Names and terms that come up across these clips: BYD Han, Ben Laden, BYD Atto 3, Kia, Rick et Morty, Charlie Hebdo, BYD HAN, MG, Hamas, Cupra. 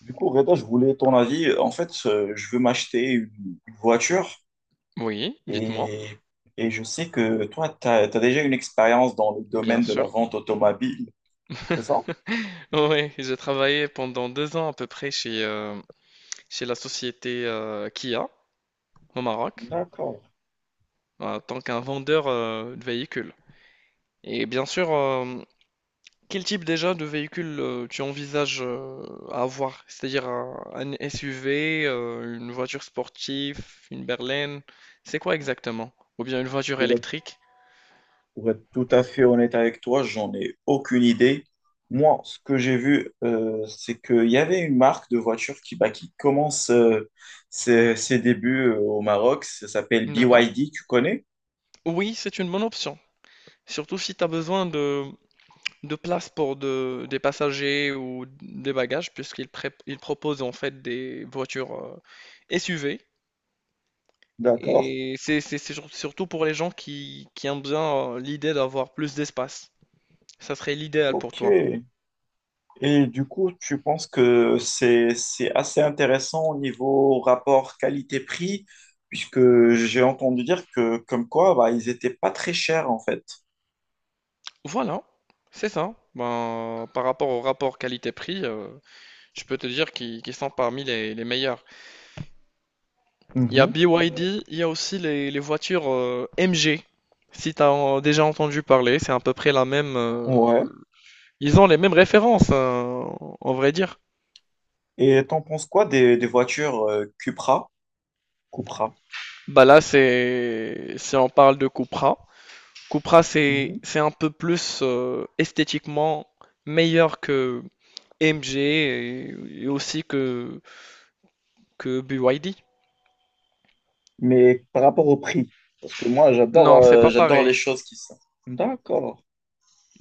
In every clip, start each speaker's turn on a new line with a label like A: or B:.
A: Du coup, Reda, je voulais ton avis. En fait, je veux m'acheter une voiture
B: Oui, dites-moi.
A: et, et je sais que toi, tu as, déjà une expérience dans le
B: Bien
A: domaine de la
B: sûr.
A: vente automobile, c'est ça?
B: Oui, j'ai travaillé pendant 2 ans à peu près chez la société Kia au Maroc
A: D'accord.
B: en tant qu'un vendeur de véhicules. Et bien sûr, quel type déjà de véhicule tu envisages à avoir? C'est-à-dire un SUV, une voiture sportive, une berline, c'est quoi exactement? Ou bien une voiture
A: Pour être,
B: électrique?
A: pour être tout à fait honnête avec toi, j'en ai aucune idée. Moi, ce que j'ai vu, c'est qu'il y avait une marque de voiture qui, bah, qui commence ses débuts au Maroc. Ça s'appelle
B: D'accord.
A: BYD, tu connais?
B: Oui, c'est une bonne option. Surtout si tu as besoin de place pour des passagers ou des bagages, puisqu'ils ils proposent en fait des voitures SUV.
A: D'accord.
B: Et c'est surtout pour les gens qui aiment bien l'idée d'avoir plus d'espace. Ça serait l'idéal pour
A: Ok.
B: toi.
A: Et du coup, tu penses que c'est assez intéressant au niveau rapport qualité-prix, puisque j'ai entendu dire que comme quoi, bah, ils étaient pas très chers en fait.
B: Voilà, c'est ça. Ben, par rapport au rapport qualité-prix, je peux te dire qu'ils sont parmi les meilleurs. Il y a
A: Mhm.
B: BYD, il y a aussi les voitures MG. Si tu as déjà entendu parler, c'est à peu près la même.
A: Ouais.
B: Ils ont les mêmes références, hein, en vrai dire.
A: Et t'en penses quoi des voitures Cupra, Cupra,
B: Bah là, c'est si on parle de Cupra. Cupra, c'est
A: mhm.
B: c'est un peu plus esthétiquement meilleur que MG et aussi que BYD.
A: Mais par rapport au prix? Parce que moi,
B: Non, c'est pas
A: j'adore
B: pareil.
A: les choses qui sont. D'accord.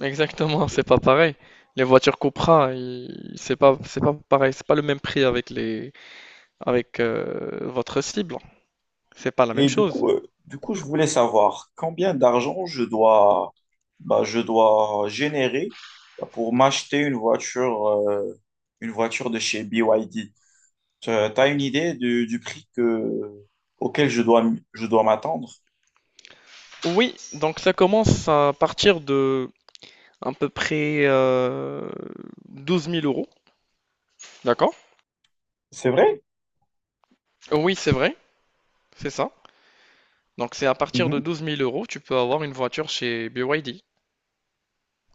B: Exactement, c'est pas pareil. Les voitures Cupra, c'est pas pareil, c'est pas le même prix avec les avec votre cible. C'est pas la même
A: Et du
B: chose.
A: coup, je voulais savoir combien d'argent je dois, bah, je dois générer bah, pour m'acheter une voiture de chez BYD. Tu as une idée du prix que, auquel je dois m'attendre?
B: Oui, donc ça commence à partir de à peu près 12 000 euros. D'accord?
A: C'est vrai?
B: Oui, c'est vrai, c'est ça. Donc c'est à partir de
A: Mhm.
B: 12 000 euros, tu peux avoir une voiture chez BYD.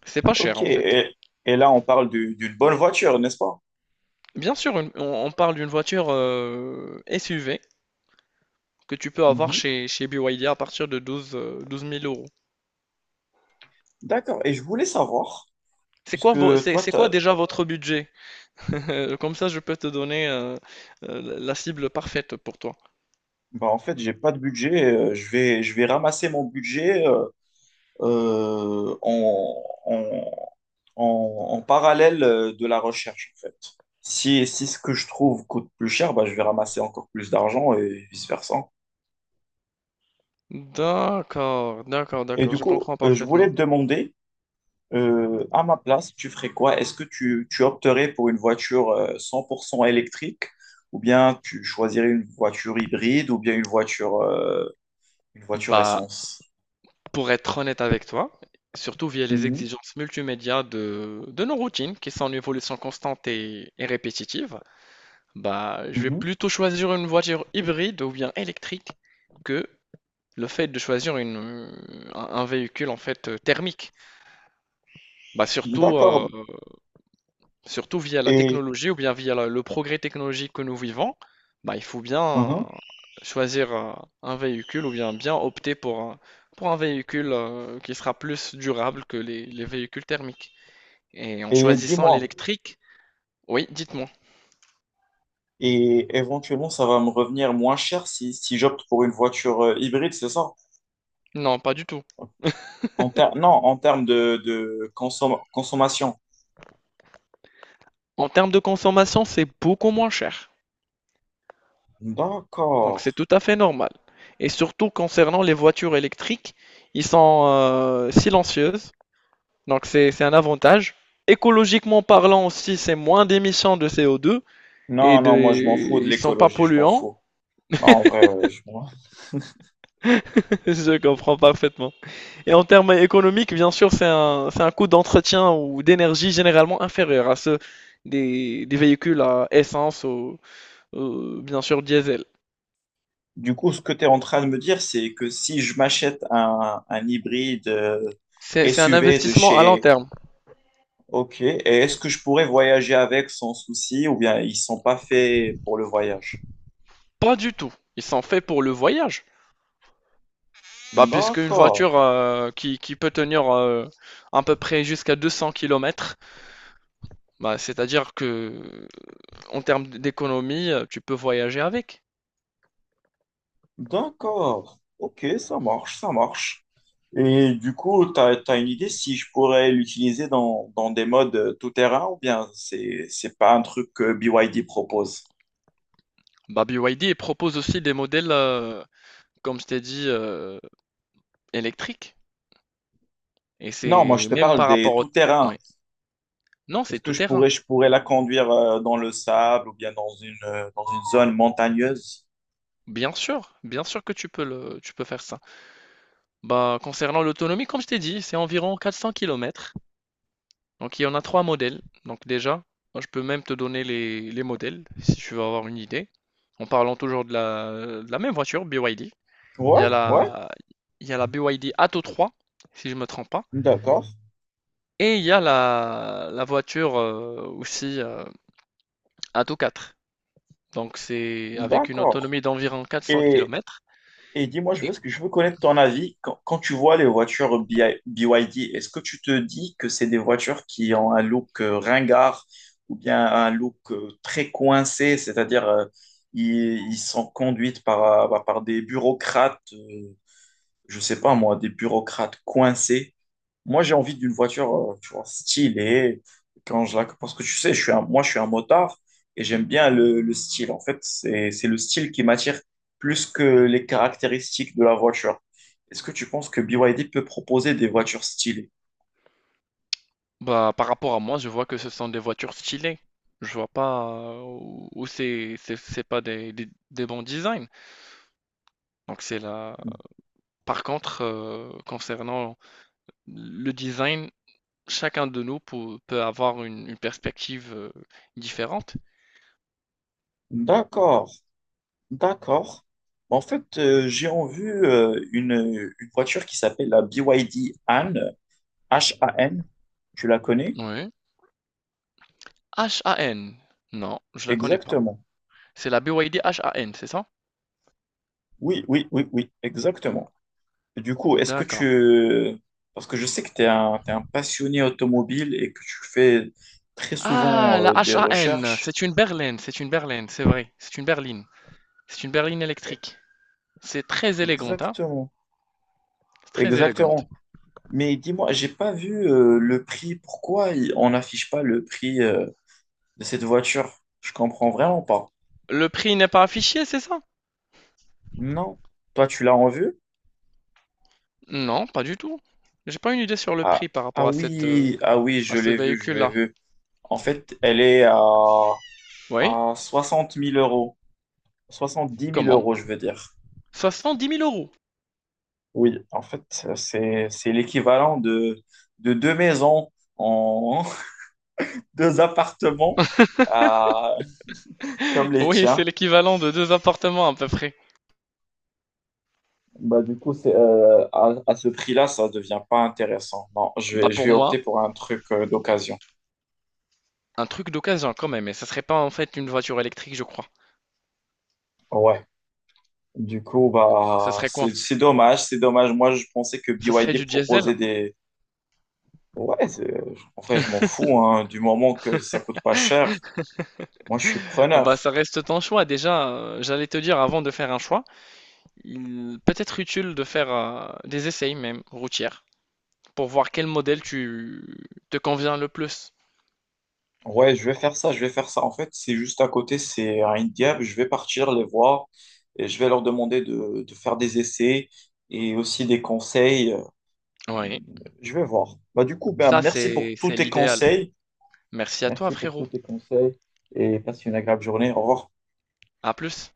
B: C'est pas
A: Ok.
B: cher en fait.
A: Et là, on parle d'une bonne voiture, n'est-ce pas?
B: Bien sûr, on parle d'une voiture SUV que tu peux avoir
A: Mhm.
B: chez BYD à partir de 12 12 000 euros.
A: D'accord. Et je voulais savoir,
B: C'est quoi,
A: puisque
B: vo- c'est,
A: toi,
B: c'est quoi
A: t'as...
B: déjà votre budget? Comme ça, je peux te donner la cible parfaite pour toi.
A: Bah, en fait, j'ai pas de budget. Je vais ramasser mon budget. Euh, en, en, en parallèle de la recherche, en fait. Si, si ce que je trouve coûte plus cher, bah, je vais ramasser encore plus d'argent et vice-versa.
B: D'accord, d'accord,
A: Et
B: d'accord,
A: du
B: je
A: coup,
B: comprends
A: je voulais
B: parfaitement.
A: te demander, à ma place, tu ferais quoi? Est-ce que tu opterais pour une voiture 100% électrique ou bien tu choisirais une voiture hybride ou bien une voiture
B: Bah,
A: essence?
B: pour être honnête avec toi, Surtout via les
A: Mhm.
B: exigences multimédia de nos routines qui sont en évolution constante et répétitive, bah, je vais
A: Mhm.
B: plutôt choisir une voiture hybride ou bien électrique que le fait de choisir une, un véhicule en fait thermique. Bah, surtout
A: D'accord.
B: surtout via la
A: Et,
B: technologie ou bien via le progrès technologique que nous vivons, bah, il faut bien
A: mhm.
B: choisir un véhicule ou bien opter pour un véhicule qui sera plus durable que les véhicules thermiques. Et en
A: Et
B: choisissant
A: dis-moi,
B: l'électrique, oui, dites-moi.
A: et éventuellement, ça va me revenir moins cher si, si j'opte pour une voiture hybride, c'est ça?
B: Non, pas du tout.
A: Non, en termes de consommation.
B: En termes de consommation, c'est beaucoup moins cher. Donc
A: D'accord.
B: c'est tout à fait normal. Et surtout concernant les voitures électriques, ils sont silencieuses. Donc c'est un avantage. Écologiquement parlant aussi, c'est moins d'émissions de CO2 et
A: Non, non,
B: de...
A: moi je m'en fous de
B: Ils sont pas
A: l'écologie, je m'en
B: polluants.
A: fous. Non, en vrai, je m'en-
B: Je comprends parfaitement. Et en termes économiques, bien sûr, c'est un coût d'entretien ou d'énergie généralement inférieur à ceux des véhicules à essence ou bien sûr diesel.
A: Du coup, ce que tu es en train de me dire, c'est que si je m'achète un hybride
B: C'est un
A: SUV de
B: investissement à long
A: chez...
B: terme.
A: Ok, et est-ce que je pourrais voyager avec sans souci ou bien ils sont pas faits pour le voyage?
B: Pas du tout. Ils sont faits pour le voyage. Bah, puisque une
A: D'accord.
B: voiture qui peut tenir à peu près jusqu'à 200 kilomètres bah, c'est-à-dire que en termes d'économie, tu peux voyager avec.
A: D'accord. Ok, ça marche, ça marche. Et du coup, tu as, une idée si je pourrais l'utiliser dans, dans des modes tout-terrain ou bien c'est pas un truc que BYD propose?
B: Bah, BYD propose aussi des modèles, comme je t'ai dit, électriques. Et
A: Non, moi je
B: c'est
A: te
B: même
A: parle
B: par
A: des
B: rapport au.
A: tout-terrains.
B: Ouais. Non, c'est
A: Est-ce que
B: tout terrain.
A: je pourrais la conduire dans le sable ou bien dans une zone montagneuse?
B: Bien sûr que tu peux faire ça. Bah, concernant l'autonomie, comme je t'ai dit, c'est environ 400 km. Donc il y en a trois modèles. Donc déjà, moi, je peux même te donner les modèles, si tu veux avoir une idée. En parlant toujours de la même voiture, BYD. Il y a
A: Ouais, ouais,
B: la, il y a la BYD Atto 3, si je ne me trompe pas.
A: d'accord,
B: Et il y a la voiture aussi à tout 4. Donc c'est avec une
A: d'accord.
B: autonomie d'environ 400
A: Et
B: km.
A: Et dis-moi, je
B: Et
A: veux, ce que je veux connaître ton avis. Quand, quand tu vois les voitures BYD, est-ce que tu te dis que c'est des voitures qui ont un look ringard ou bien un look très coincé, c'est-à-dire ils, ils sont conduites par, bah, par des bureaucrates, je sais pas moi, des bureaucrates coincés. Moi, j'ai envie d'une voiture, tu vois, stylée. Quand je la... Parce que tu sais, je suis un... moi, je suis un motard et j'aime bien le style. En fait, c'est le style qui m'attire plus que les caractéristiques de la voiture. Est-ce que tu penses que BYD peut proposer des voitures stylées?
B: bah, par rapport à moi, je vois que ce sont des voitures stylées. Je vois pas où c'est pas des bons designs. Donc c'est là. Par contre, concernant le design, chacun de nous peut avoir une perspective différente.
A: D'accord, d'accord. En fait, j'ai en vue une voiture qui s'appelle la BYD Han, HAN. H A N. Tu la connais?
B: Oui. HAN. Non, je la connais pas.
A: Exactement.
B: C'est la BYD N, c'est ça?
A: Oui, oui, oui, oui, exactement. Du coup, est-ce que
B: D'accord.
A: tu... Parce que je sais que tu es un, t'es un passionné automobile et que tu fais très
B: Ah,
A: souvent
B: la
A: des
B: HAN,
A: recherches.
B: c'est une berline, c'est une berline, c'est vrai, c'est une berline
A: Eh,
B: électrique. C'est très élégante, hein,
A: exactement,
B: c'est très élégante.
A: exactement. Mais dis-moi, j'ai pas vu le prix. On n'affiche pas le prix de cette voiture? Je comprends vraiment pas.
B: Le prix n'est pas affiché, c'est ça?
A: Non. Toi, tu l'as en vue?
B: Non, pas du tout. J'ai pas une idée sur le
A: Ah,
B: prix par
A: ah
B: rapport à cette, euh,
A: oui, ah oui,
B: à
A: je
B: ce
A: l'ai vue, je l'ai
B: véhicule-là.
A: vue. En fait, elle est
B: Oui,
A: à 60 000 euros. soixante dix mille
B: comment?
A: euros, je veux dire.
B: 70 000 euros.
A: Oui, en fait, c'est l'équivalent de deux maisons en deux appartements à- comme les
B: Oui, c'est
A: tiens.
B: l'équivalent de deux appartements à peu près.
A: Bah, du coup, c'est, à ce prix-là, ça devient pas intéressant. Non,
B: Bah
A: je
B: pour
A: vais opter
B: moi,
A: pour un truc d'occasion.
B: un truc d'occasion quand même, et ça serait pas en fait une voiture électrique, je crois.
A: Ouais. Du coup,
B: Ça
A: bah,
B: serait quoi?
A: c'est dommage, c'est dommage. Moi, je pensais que
B: Ça serait
A: BYD
B: du
A: proposait
B: diesel?
A: des... Ouais, c'est- en vrai, je m'en fous, hein, du moment que ça coûte pas cher. Moi, je suis
B: Ah bah
A: preneur.
B: ça reste ton choix. Déjà, j'allais te dire avant de faire un choix. Il peut être utile de faire des essais même routières pour voir quel modèle tu te convient le plus.
A: Ouais, je vais faire ça, je vais faire ça. En fait, c'est juste à côté, c'est à Indiab. Je vais partir les voir et je vais leur demander de faire des essais et aussi des conseils.
B: Oui,
A: Je vais voir. Bah, du coup, ben,
B: ça
A: merci pour
B: c'est
A: tous
B: c'est
A: tes
B: l'idéal.
A: conseils.
B: Merci à toi
A: Merci pour tous
B: frérot.
A: tes conseils et passe une agréable journée. Au revoir.
B: À plus.